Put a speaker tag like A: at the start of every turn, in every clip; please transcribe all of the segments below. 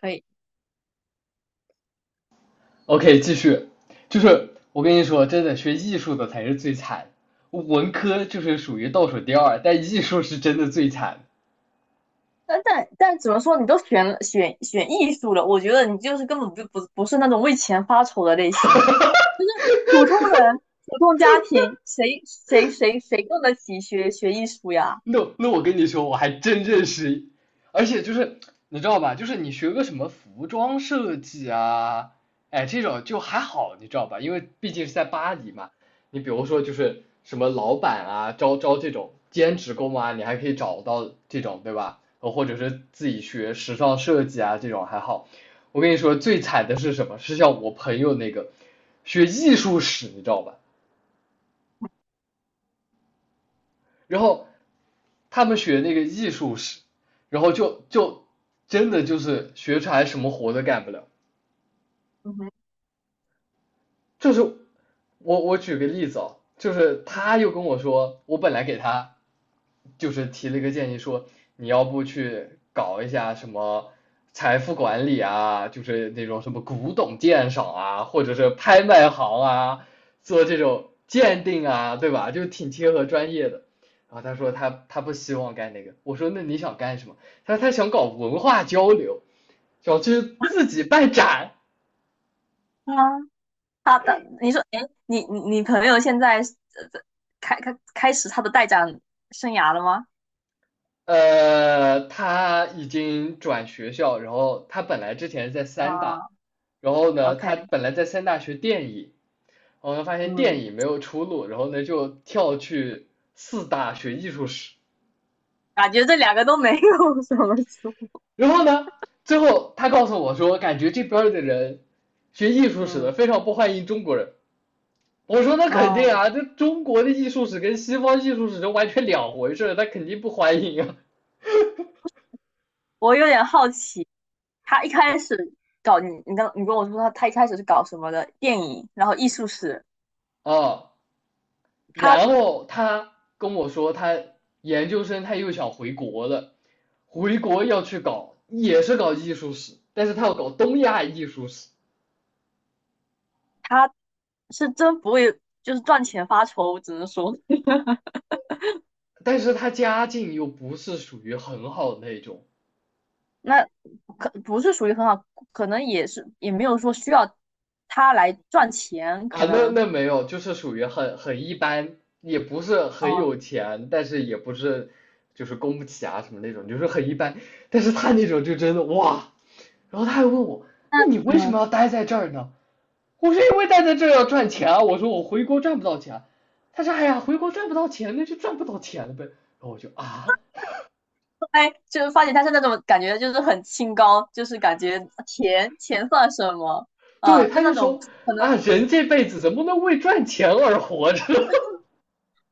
A: 可以。
B: OK，继续，就是我跟你说，真的学艺术的才是最惨，文科就是属于倒数第二，但艺术是真的最惨。
A: 但怎么说，你都选了艺术了，我觉得你就是根本就不是那种为钱发愁的类型了。普通人、普通家庭，谁供得起学艺术呀？
B: 那我跟你说，我还真认识，而且就是你知道吧，就是你学个什么服装设计啊，哎，这种就还好，你知道吧？因为毕竟是在巴黎嘛，你比如说就是什么老板啊，招招这种兼职工啊，你还可以找到这种，对吧？或者是自己学时尚设计啊，这种还好。我跟你说，最惨的是什么？是像我朋友那个学艺术史，你知道吧？然后他们学那个艺术史，然后就真的就是学出来什么活都干不了。
A: 嗯哼，
B: 就是我举个例子哦，就是
A: 嗯，
B: 他又跟我说，我本来给他就是提了一个建议说，你要不去搞一下什么财富管理啊，就是那种什么古董鉴赏啊，或者是拍卖行啊，做这种鉴定啊，对吧？就挺贴合专业的。然后他说他不希望干那个，我说那你想干什么？他说他想搞文化交流，想去自己办展。
A: 啊，你说，哎，你朋友现在在开始他的带展生涯了吗？
B: 他已经转学校，然后他本来之前是在三大，
A: 啊，
B: 然后呢，
A: OK，
B: 他本来在三大学电影，然后呢发现电
A: 嗯，
B: 影没有出路，然后呢就跳去四大学艺术史，
A: 感觉这两个都没有什么出，
B: 然后呢，最后他告诉我说，感觉这边的人学艺术史的
A: 嗯，
B: 非常不欢迎中国人。我说那肯定
A: 哦，
B: 啊，这中国的艺术史跟西方艺术史是完全两回事他肯定不欢迎啊。
A: 我有点好奇，他一开始搞你，你刚你跟我说他一开始是搞什么的，电影，然后艺术史，
B: 啊，
A: 他
B: 然后他跟我说，他研究生他又想回国了，回国要去搞，也是搞艺术史，但是他要搞东亚艺术史，
A: 他是真不会，就是赚钱发愁，我只能说。
B: 但是他家境又不是属于很好的那种
A: 那可不是属于很好，可能也没有说需要他来赚钱，
B: 啊，
A: 可
B: 那
A: 能。
B: 那没有，就是属于很一般，也不是很
A: 哦，
B: 有钱，但是也不是就是供不起啊什么那种，就是很一般，但是他那种就真的哇，然后他还问我，
A: 那
B: 那你为什
A: 嗯，
B: 么要待在这儿呢？我是因为待在这要赚钱啊，我说我回国赚不到钱啊，他说哎呀回国赚不到钱那就赚不到钱了呗，然后我就啊，
A: 后来就是发现他是那种感觉就是很清高，就是感觉钱算什么啊？
B: 对，
A: 就是
B: 他
A: 那
B: 就
A: 种。
B: 说
A: 可能
B: 啊人这辈子怎么能为赚钱而活着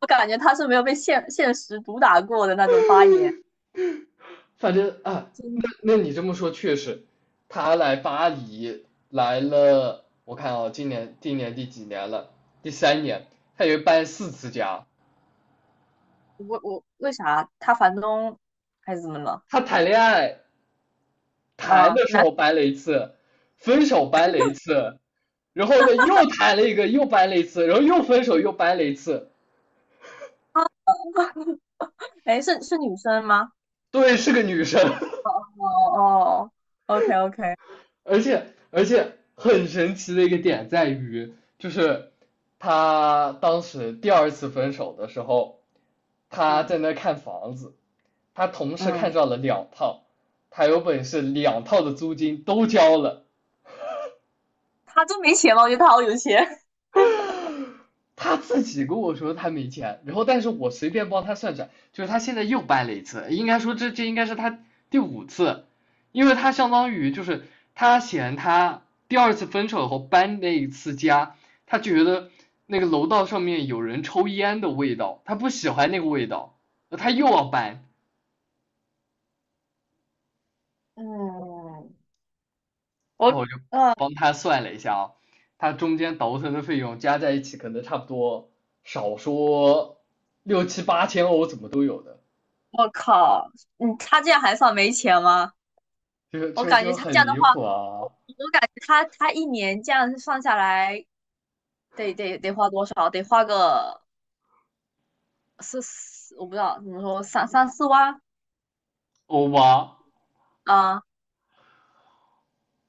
A: 我感觉他是没有被现实毒打过的那种发言。
B: 反正啊，那那你这么说确实，他来巴黎来了，我看啊，哦今年第几年了？第三年，他也搬4次家，
A: 我为啥，他房东还是怎么了？
B: 他谈恋爱谈
A: 啊，
B: 的时候掰了一次，分手掰了一次，然后呢又谈了一个，又掰了一次，然后又分手又掰了一次。
A: 哎，是女生吗？
B: 对，是个女生，
A: 哦哦，OK OK，
B: 而且很神奇的一个点在于，就是她当时第二次分手的时候，她
A: 嗯
B: 在那看房子，她同时看
A: 嗯，
B: 上了两套，她有本事两套的租金都交了。
A: 他真没钱吗？我觉得他好有钱。
B: 他自己跟我说他没钱，然后但是我随便帮他算算，就是他现在又搬了一次，应该说这应该是他第五次，因为他相当于就是他嫌他第二次分手后搬那一次家，他觉得那个楼道上面有人抽烟的味道，他不喜欢那个味道，他又要搬，
A: 嗯，我
B: 然后我就
A: 嗯，
B: 帮他算了一下啊，他中间倒腾的费用加在一起，可能差不多少说六七八千欧，怎么都有的，
A: 我靠，嗯，他这样还算没钱吗？
B: 就
A: 我
B: 就
A: 感觉
B: 就
A: 他
B: 很
A: 这样的
B: 离
A: 话，
B: 谱
A: 我
B: 啊，
A: 我感觉他一年这样算下来，得花多少？得花个四，我不知道怎么说，三四万
B: 欧巴，
A: 啊、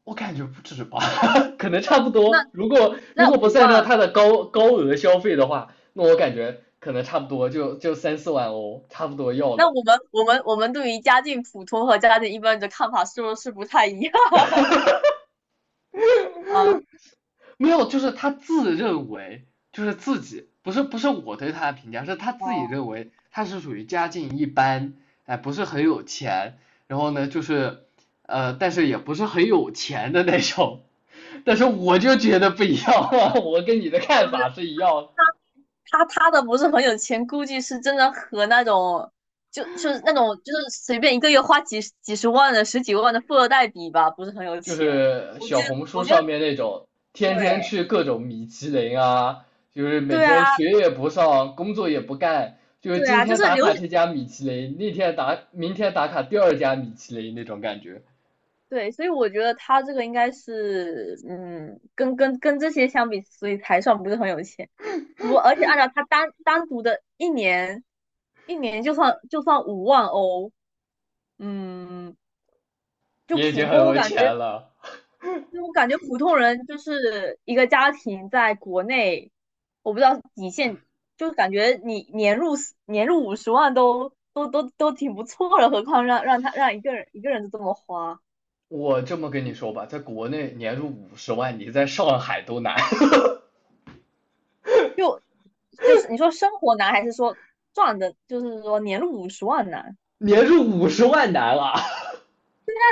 B: 我感觉不止吧，可能差不
A: 那
B: 多。如果如
A: 那
B: 果不
A: 五
B: 算上
A: 万。
B: 他的高额消费的话，那我感觉可能差不多就三四万欧，差不多要
A: 那
B: 了。
A: 我们对于家境普通和家境一般的看法是不是不太一样？ 啊？
B: 没有，就是他自认为就是自己不是我对他的评价，是他自己
A: 哦，
B: 认为他是属于家境一般，哎，不是很有钱，然后呢就是但是也不是很有钱的那种。但是我就觉得不一样，我跟你的
A: 是不
B: 看法是
A: 是？
B: 一样的。
A: 他的不是很有钱，估计是真的和那种就是那种就是随便一个月花几十万的、十几万的富二代比吧，不是很有
B: 就
A: 钱。
B: 是
A: 我
B: 小
A: 觉得，
B: 红书
A: 我觉得。
B: 上面那种天天
A: 对
B: 去各种米其林啊，就是每
A: 对
B: 天
A: 啊，
B: 学也不上，工作也不干，就是
A: 对
B: 今
A: 啊，就
B: 天
A: 是
B: 打
A: 留
B: 卡
A: 学。
B: 这家米其林，那天打，明天打卡第二家米其林那种感觉，
A: 对，所以我觉得他这个应该是嗯，跟这些相比，所以才算不是很有钱。而且按照他单独的一年，一年就算5万欧，嗯，就
B: 也已
A: 普
B: 经很
A: 通我
B: 有
A: 感觉，
B: 钱了。
A: 就我感觉普通人就是一个家庭在国内，我不知道底线，就是感觉你年入五十万都挺不错了，何况让一个人就这么花。
B: 我这么跟你说吧，在国内年入五十万，你在上海都难，
A: 就是你说生活难还是说赚的，就是说年入五十万难？
B: 年入五十万难了。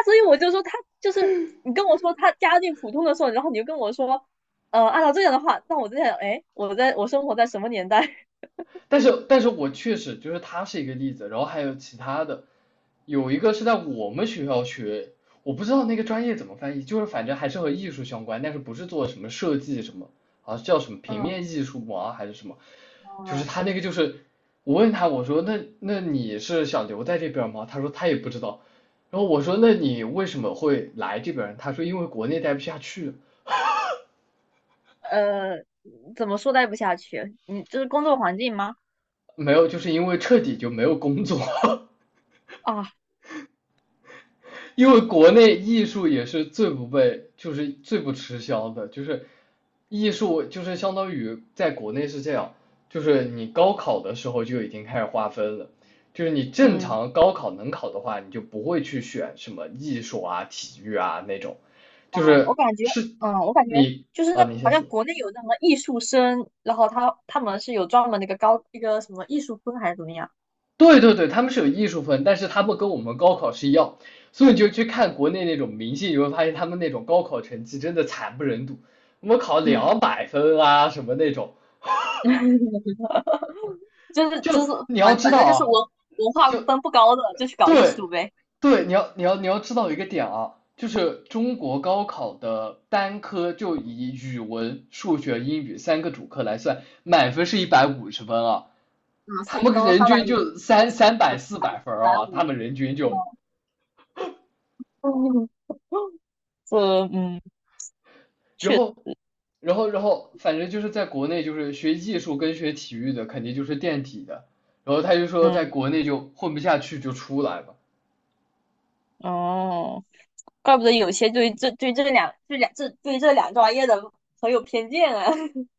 A: 所以我就说就是，你跟我说他家境普通的时候，然后你就跟我说，按照这样的话，那我在想，哎，我生活在什么年代？
B: 但是我确实就是他是一个例子，然后还有其他的，有一个是在我们学校学，我不知道那个专业怎么翻译，就是反正还是和艺术相关，但是不是做什么设计什么，啊叫什么平面
A: 嗯，
B: 艺术嘛还是什么，就是
A: 哦，
B: 他那个就是我问他我说那你是想留在这边吗？他说他也不知道，然后我说那你为什么会来这边？他说因为国内待不下去，
A: 呃，怎么说待不下去？你就是工作环境吗？
B: 没有就是因为彻底就没有工作。
A: 啊，
B: 因为国内艺术也是最不被，就是最不吃香的，就是艺术就是相当于在国内是这样，就是你高考的时候就已经开始划分了，就是你正
A: 嗯
B: 常高考能考的话，你就不会去选什么艺术啊、体育啊那种，
A: 啊，
B: 就
A: 我
B: 是
A: 感觉，
B: 是
A: 嗯，我感觉
B: 你
A: 就是
B: 啊，
A: 那，
B: 你
A: 好
B: 先
A: 像
B: 说。
A: 国内有那么艺术生，然后他们是有专门那个高一个什么艺术分还是怎么样？
B: 对对对，他们是有艺术分，但是他们跟我们高考是一样，所以你就去看国内那种明星，你会发现他们那种高考成绩真的惨不忍睹，我们考
A: 嗯，
B: 200分啊什么那种，
A: 就是就
B: 就
A: 是
B: 你要
A: 反
B: 知
A: 反
B: 道
A: 正就是文
B: 啊，
A: 文化
B: 就
A: 分不高的就去搞艺
B: 对
A: 术呗。
B: 对，你要知道一个点啊，就是中国高考的单科就以语文、数学、英语三个主科来算，满分是150分啊，
A: 啊，
B: 他们
A: 都
B: 人
A: 三百
B: 均
A: 五，
B: 就三
A: 四
B: 三百四百分
A: 百
B: 啊。他
A: 五
B: 们
A: 了。
B: 人均就。
A: 嗯，这嗯，
B: 然
A: 确
B: 后，然后，反正就是在国内，就是学艺术跟学体育的肯定就是垫底的。然后他就说，在
A: 嗯
B: 国内就混不下去就出来吧，
A: 哦，怪不得有些对这对这两对两这对这两专业的很有偏见啊。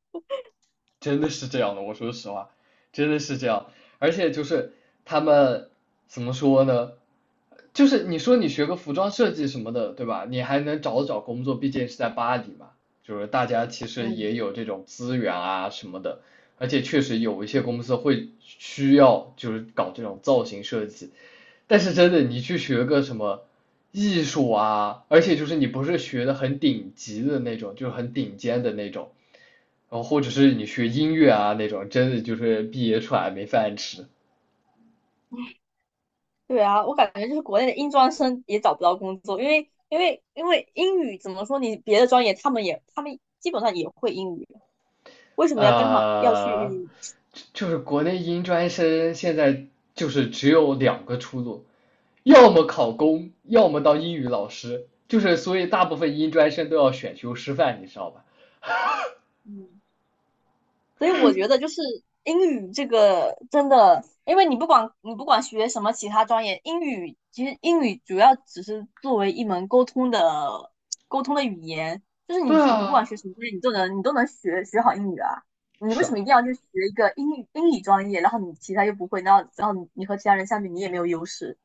B: 真的是这样的。我说实话，真的是这样。而且就是他们怎么说呢？就是你说你学个服装设计什么的，对吧？你还能找找工作，毕竟是在巴黎嘛。就是大家其实也
A: 嗯
B: 有这种资源啊什么的，而且确实有一些
A: 嗯，
B: 公司会需要就是搞这种造型设计。但是真的，你去学个什么艺术啊，而且就是你不是学的很顶级的那种，就是很顶尖的那种，然后或者是你学音乐啊那种，真的就是毕业出来没饭吃。
A: 对啊，我感觉就是国内的英专生也找不到工作，因为英语怎么说，你别的专业他们基本上也会英语，为什么要刚好要
B: 呃，
A: 去？
B: 就是国内音专生现在就是只有2个出路，要么考公，要么当英语老师，就是所以大部分音专生都要选修师范，你知道吧？
A: 嗯所以我觉得就是，英语这个真的，因为你不管学什么其他专业，英语其实主要只是作为一门沟通的语言，就是你
B: 对
A: 你不管
B: 啊，
A: 学什么专业，你都能学好英语啊。你
B: 是
A: 为什么
B: 啊。
A: 一定要去学一个英语专业，然后你其他又不会，然后你和其他人相比，你也没有优势。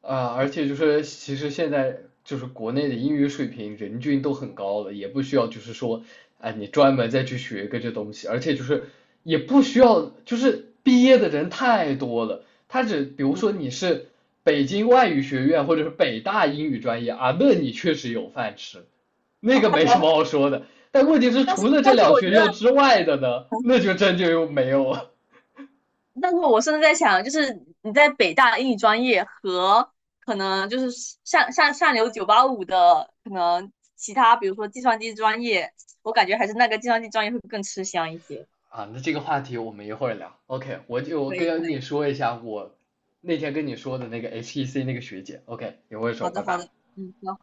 B: 啊，而且就是其实现在就是国内的英语水平人均都很高了，也不需要就是说，哎，你专门再去学个这东西，而且就是也不需要，就是毕业的人太多了，他只比如说你是北京外语学院或者是北大英语专业啊，那你确实有饭吃，那个没什么好说的，但问题是
A: 但是
B: 除了这
A: 但是
B: 两
A: 我觉
B: 学
A: 得
B: 校之外的呢，那就真就又没有了。
A: 但是我甚至在想，就是你在北大英语专业和可能就是上流985的可能其他，比如说计算机专业，我感觉还是那个计算机专业会更吃香一些。
B: 啊，那这个话题我们一会儿聊。OK，我就
A: 可以，可
B: 跟
A: 以，
B: 你说一下我那天跟你说的那个 HEC 那个学姐。OK，一会儿说，
A: 好的，
B: 拜
A: 好
B: 拜。
A: 的，嗯，好。